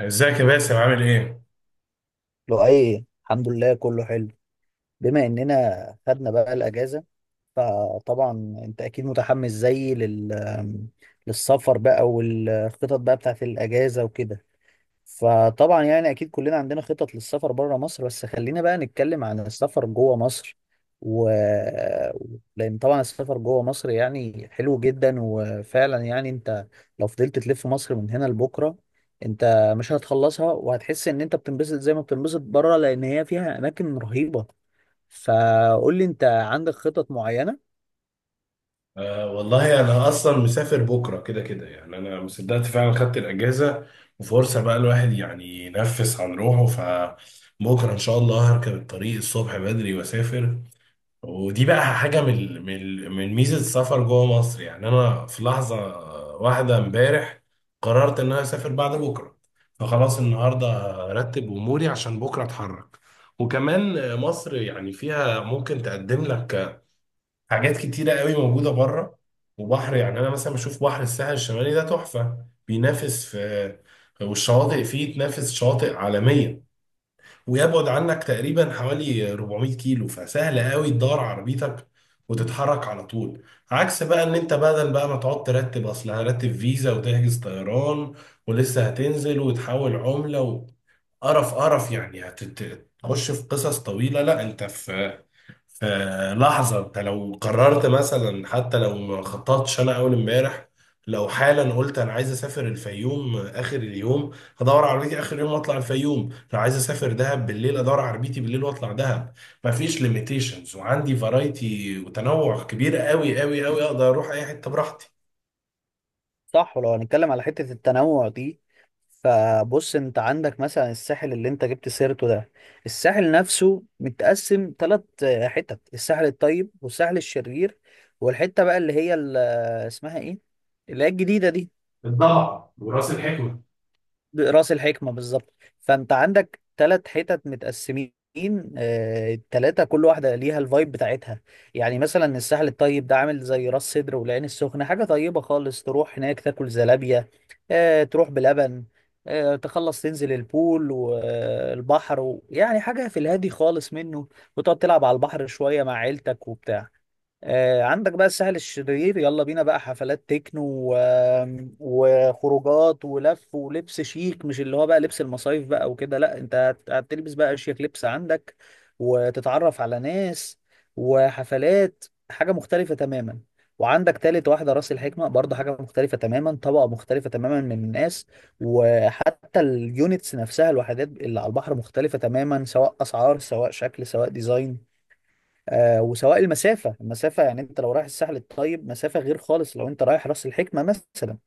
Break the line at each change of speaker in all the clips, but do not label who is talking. ازيك يا باسم عامل ايه؟
لو ايه الحمد لله، كله حلو. بما اننا خدنا بقى الاجازه، فطبعا انت اكيد متحمس زيي للسفر بقى، والخطط بقى بتاعت الاجازه وكده. فطبعا يعني اكيد كلنا عندنا خطط للسفر بره مصر، بس خلينا بقى نتكلم عن السفر جوه مصر. و... لان طبعا السفر جوه مصر يعني حلو جدا، وفعلا يعني انت لو فضلت تلف مصر من هنا لبكره انت مش هتخلصها، وهتحس ان انت بتنبسط زي ما بتنبسط بره، لان هي فيها اماكن رهيبه. فقول لي، انت عندك خطط معينه؟
والله انا اصلا مسافر بكره كده كده انا مصدقت فعلا خدت الاجازه. وفرصه بقى الواحد يعني ينفس عن روحه، فبكره ان شاء الله هركب الطريق الصبح بدري واسافر. ودي بقى حاجه من ميزه السفر جوه مصر، يعني انا في لحظه واحده امبارح قررت ان انا اسافر بعد بكره، فخلاص النهارده هرتب اموري عشان بكره اتحرك. وكمان مصر يعني فيها ممكن تقدم لك حاجات كتيرة قوي موجودة بره، وبحر. يعني أنا مثلا بشوف بحر الساحل الشمالي ده تحفة، بينافس في والشواطئ فيه تنافس شواطئ عالمية، ويبعد عنك تقريبا حوالي 400 كيلو، فسهل قوي تدور عربيتك وتتحرك على طول. عكس بقى ان انت بدل بقى ما تقعد ترتب، اصل هرتب فيزا وتحجز طيران ولسه هتنزل وتحول عملة قرف قرف، يعني هتخش في قصص طويلة. لا انت في لحظة انت لو قررت مثلا حتى لو ما خططتش. انا اول امبارح لو حالا قلت انا عايز اسافر الفيوم اخر اليوم، هدور على عربيتي اخر اليوم واطلع الفيوم. لو عايز اسافر دهب بالليل ادور على عربيتي بالليل واطلع دهب. مفيش ليميتيشنز وعندي فرايتي وتنوع كبير قوي قوي قوي، اقدر اروح اي حتة براحتي.
صح. ولو هنتكلم على حتة التنوع دي، فبص، انت عندك مثلا الساحل اللي انت جبت سيرته ده. الساحل نفسه متقسم ثلاث حتت: الساحل الطيب، والساحل الشرير، والحتة بقى اللي هي اسمها ايه، اللي هي الجديدة دي.
الضبع وراس الحكمة.
راس الحكمة بالظبط. فانت عندك ثلاث حتت متقسمين. التلاتة كل واحدة ليها الفايب بتاعتها. يعني مثلا الساحل الطيب ده عامل زي راس سدر والعين السخنة، حاجة طيبة خالص، تروح هناك تاكل زلابية، تروح بلبن، تخلص تنزل البول والبحر يعني حاجة في الهادي خالص منه، وتقعد تلعب على البحر شوية مع عيلتك وبتاع. عندك بقى الساحل الشرير، يلا بينا بقى حفلات تكنو و- وخروجات ولف ولبس شيك، مش اللي هو بقى لبس المصايف بقى وكده، لا انت هتلبس بقى اشيك لبس. عندك وتتعرف على ناس وحفلات، حاجة مختلفة تماما. وعندك تالت واحدة راس الحكمة، برضه حاجة مختلفة تماما، طبقة مختلفة تماما من الناس. وحتى اليونتس نفسها، الوحدات اللي على البحر مختلفة تماما، سواء أسعار سواء شكل سواء ديزاين. آه، وسواء المسافة. المسافة يعني انت لو رايح الساحل الطيب مسافة غير خالص لو انت رايح راس الحكمة مثلا.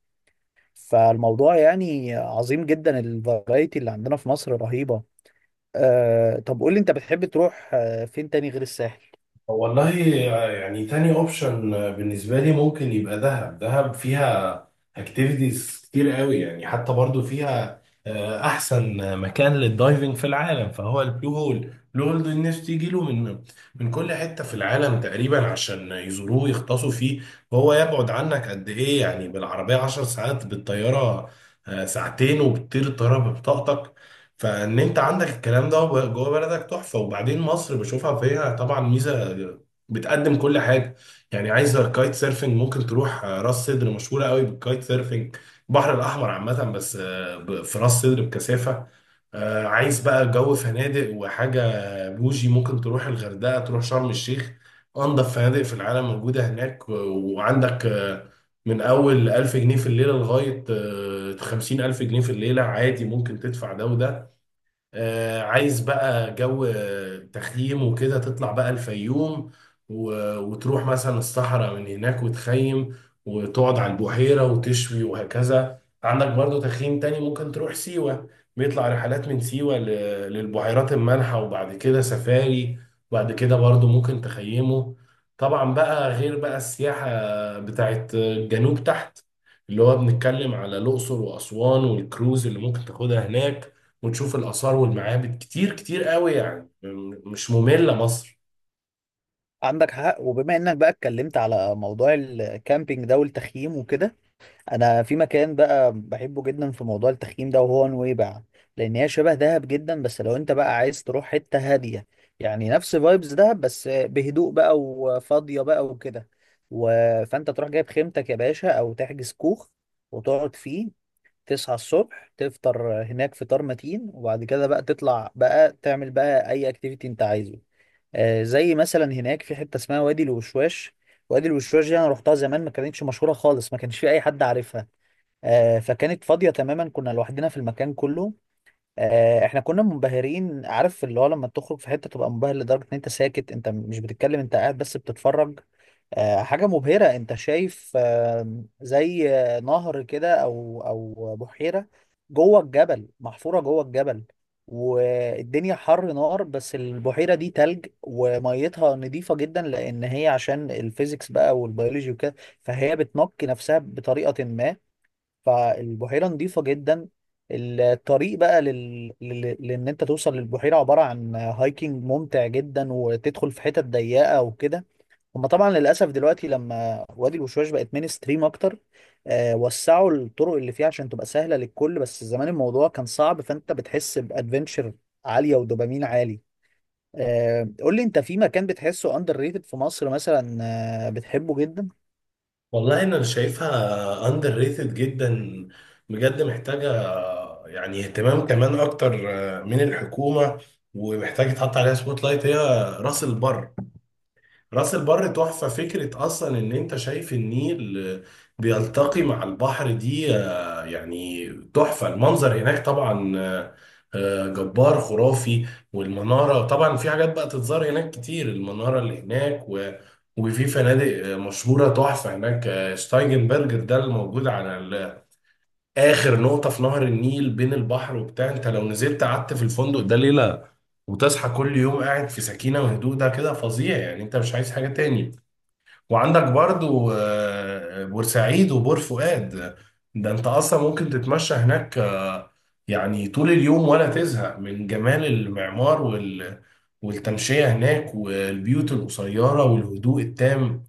فالموضوع يعني عظيم جدا، الفرايتي اللي عندنا في مصر رهيبة. آه، طب قول لي، انت بتحب تروح فين تاني غير الساحل؟
والله يعني تاني اوبشن بالنسبة لي ممكن يبقى دهب. دهب فيها اكتيفيتيز كتير قوي، يعني حتى برضو فيها، احسن مكان للدايفنج في العالم فهو البلو هول. البلو هول ده الناس تيجي له من كل حتة في العالم تقريبا عشان يزوروه ويغطسوا فيه. وهو يبعد عنك قد ايه؟ يعني بالعربية 10 ساعات، بالطيارة ساعتين وبتطير الطيارة ببطاقتك. فان انت عندك الكلام ده جوه بلدك، تحفه. وبعدين مصر بشوفها فيها طبعا ميزه، بتقدم كل حاجه. يعني عايز كايت سيرفنج ممكن تروح راس سدر، مشهوره قوي بالكايت سيرفنج. البحر الاحمر عامه بس في راس سدر بكثافه. عايز بقى جو فنادق وحاجه بوجي، ممكن تروح الغردقه تروح شرم الشيخ. انضف فنادق في العالم موجوده هناك، وعندك من اول 1000 جنيه في الليله لغايه 50,000 جنيه في الليله، عادي ممكن تدفع ده وده. عايز بقى جو تخييم وكده، تطلع بقى الفيوم وتروح مثلا الصحراء من هناك وتخيم وتقعد على البحيرة وتشوي، وهكذا. عندك برضو تخييم تاني ممكن تروح سيوة، بيطلع رحلات من سيوة للبحيرات المالحة وبعد كده سفاري، وبعد كده برضو ممكن تخيمه. طبعا بقى غير بقى السياحة بتاعت الجنوب تحت، اللي هو بنتكلم على الأقصر وأسوان والكروز اللي ممكن تاخدها هناك وتشوف الآثار والمعابد. كتير كتير قوي، يعني مش مملة مصر.
عندك حق. وبما انك بقى اتكلمت على موضوع الكامبينج ده والتخييم وكده، انا في مكان بقى بحبه جدا في موضوع التخييم ده وهو نويبع. لان هي شبه دهب جدا، بس لو انت بقى عايز تروح حتة هادية، يعني نفس فايبز دهب بس بهدوء بقى وفاضية بقى وكده. و... فانت تروح جايب خيمتك يا باشا، او تحجز كوخ وتقعد فيه. تصحى الصبح تفطر هناك فطار متين، وبعد كده بقى تطلع بقى تعمل بقى اي اكتيفيتي انت عايزه. زي مثلا هناك في حته اسمها وادي الوشواش. وادي الوشواش دي انا رحتها زمان، ما كانتش مشهوره خالص، ما كانش في اي حد عارفها. فكانت فاضيه تماما، كنا لوحدنا في المكان كله. احنا كنا منبهرين، عارف اللي هو لما تخرج في حته تبقى منبهر لدرجه ان انت ساكت، انت مش بتتكلم، انت قاعد بس بتتفرج. حاجة مبهرة، انت شايف زي نهر كده او بحيرة جوه الجبل، محفورة جوه الجبل، والدنيا حر نار بس البحيرة دي تلج، وميتها نظيفة جدا لان هي عشان الفيزيكس بقى والبيولوجي وكده، فهي بتنقي نفسها بطريقة ما، فالبحيرة نظيفة جدا. الطريق بقى لان انت توصل للبحيرة عبارة عن هايكنج ممتع جدا، وتدخل في حتت ضيقة وكده. هما طبعا للاسف دلوقتي لما وادي الوشواش بقت مين ستريم اكتر، آه، وسعوا الطرق اللي فيها عشان تبقى سهله للكل، بس زمان الموضوع كان صعب، فانت بتحس بادفنتشر عاليه ودوبامين عالي. آه، قول لي، انت في مكان بتحسه اندر ريتد في مصر مثلا، بتحبه جدا؟
والله أنا شايفها أندر ريتد جدا، بجد محتاجة يعني اهتمام كمان أكتر من الحكومة، ومحتاج يتحط عليها سبوت لايت. هي راس البر. راس البر تحفة، فكرة أصلا إن أنت شايف النيل بيلتقي مع البحر دي، يعني تحفة. المنظر هناك طبعا جبار خرافي. والمنارة طبعا، في حاجات بقى تتزار هناك كتير، المنارة اللي هناك. و وفي فنادق مشهورة تحفة هناك، شتايجنبرجر ده الموجود على آخر نقطة في نهر النيل بين البحر وبتاع. أنت لو نزلت قعدت في الفندق ده ليلة وتصحى كل يوم قاعد في سكينة وهدوء، ده كده فظيع، يعني انت مش عايز حاجة تاني. وعندك برضو بورسعيد وبور فؤاد، ده انت اصلا ممكن تتمشى هناك يعني طول اليوم ولا تزهق من جمال المعمار والتمشية هناك والبيوت القصيرة والهدوء التام.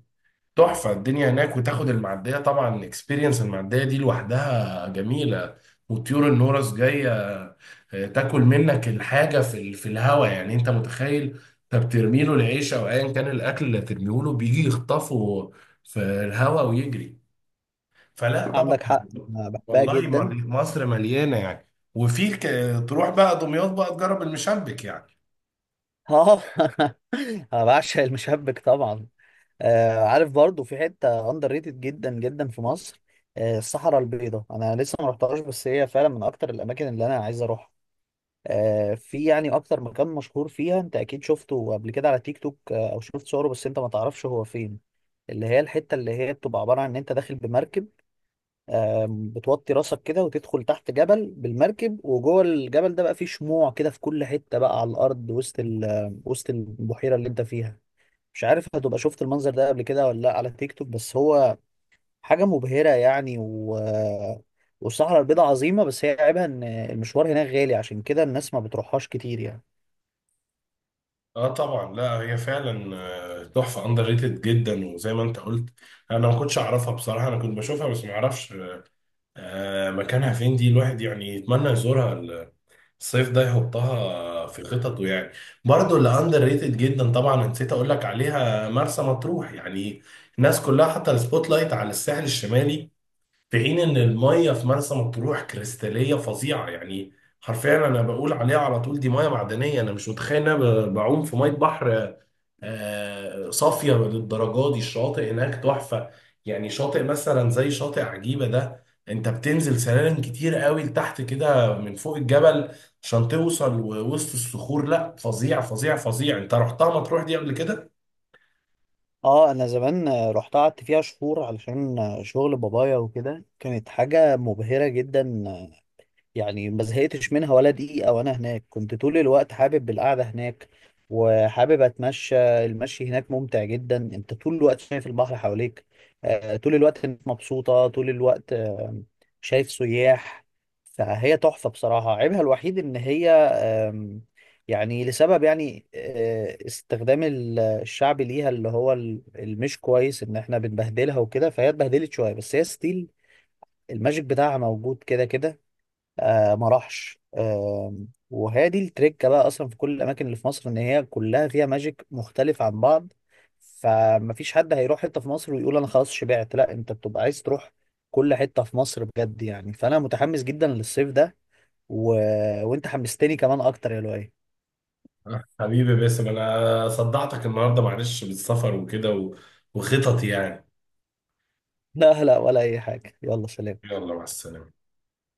تحفة الدنيا هناك. وتاخد المعدية، طبعا الاكسبيرينس المعدية دي لوحدها جميلة، وطيور النورس جاية تاكل منك الحاجة في في الهوا. يعني انت متخيل؟ انت بترمي له العيش او ايا كان الاكل اللي هترميه له، بيجي يخطفه في الهوا ويجري. فلا طبعا.
عندك حق، أنا بحبها
والله
جدا.
مصر مليانة، يعني وفي تروح بقى دمياط بقى تجرب المشبك يعني.
اه. انا بعشق المشبك طبعا. آه، عارف؟ برضو في حته اندر ريتد جدا جدا في مصر، آه، الصحراء البيضاء. انا لسه ما رحتهاش، بس هي فعلا من اكتر الاماكن اللي انا عايز اروحها. في يعني اكتر مكان مشهور فيها انت اكيد شفته قبل كده على تيك توك، او شفت صوره بس انت ما تعرفش هو فين. اللي هي الحته اللي هي بتبقى عباره عن ان انت داخل بمركب، بتوطي راسك كده وتدخل تحت جبل بالمركب، وجوه الجبل ده بقى فيه شموع كده في كل حته بقى على الارض وسط وسط البحيره اللي انت فيها. مش عارف هتبقى شفت المنظر ده قبل كده ولا لا على تيك توك، بس هو حاجه مبهره يعني. والصحراء البيضاء عظيمة، بس هي عيبها إن المشوار هناك غالي، عشان كده الناس ما بتروحهاش كتير يعني.
اه طبعا، لا هي فعلا تحفه اندر ريتد جدا. وزي ما انت قلت انا ما كنتش اعرفها بصراحه، انا كنت بشوفها بس ما اعرفش مكانها فين. دي الواحد يعني يتمنى يزورها الصيف ده، يحطها في خططه يعني. برضو اللي اندر ريتد جدا طبعا نسيت اقول لك عليها، مرسى مطروح. يعني الناس كلها حاطه السبوت لايت على الساحل الشمالي، في حين ان الميه في مرسى مطروح كريستاليه فظيعه، يعني حرفيا انا بقول عليها على طول دي ميه معدنيه. انا مش متخيل إن انا بعوم في ميه بحر صافية للدرجة دي. الشاطئ هناك تحفة، يعني شاطئ مثلا زي شاطئ عجيبة ده انت بتنزل سلالم كتير قوي لتحت كده من فوق الجبل عشان توصل ووسط الصخور. لا فظيع فظيع فظيع. انت رحتها مطروح دي قبل كده؟
اه، انا زمان رحت قعدت فيها شهور علشان شغل بابايا وكده، كانت حاجة مبهرة جدا. يعني ما زهقتش منها ولا دقيقة، وأنا هناك كنت طول الوقت حابب القعدة هناك، وحابب أتمشى. المشي هناك ممتع جدا، أنت طول الوقت شايف البحر حواليك، طول الوقت الناس مبسوطة طول الوقت، شايف سياح. فهي تحفة بصراحة. عيبها الوحيد إن هي يعني لسبب يعني استخدام الشعب ليها اللي هو المش كويس إن إحنا بنبهدلها وكده، فهي اتبهدلت شوية بس هي ستيل الماجيك بتاعها موجود كده كده، آه، ما راحش آه. وهي دي التركه بقى اصلا في كل الاماكن اللي في مصر، ان هي كلها فيها ماجيك مختلف عن بعض. فمفيش حد هيروح حته في مصر ويقول انا خلاص شبعت، لا انت بتبقى عايز تروح كل حته في مصر بجد يعني. فانا متحمس جدا للصيف ده، و... وانت حمستني كمان اكتر يا لؤي.
حبيبي باسم انا صدعتك النهارده، معلش بالسفر وكده وخططي يعني.
لا لا، ولا اي حاجه، يلا سلام.
يلا مع السلامة.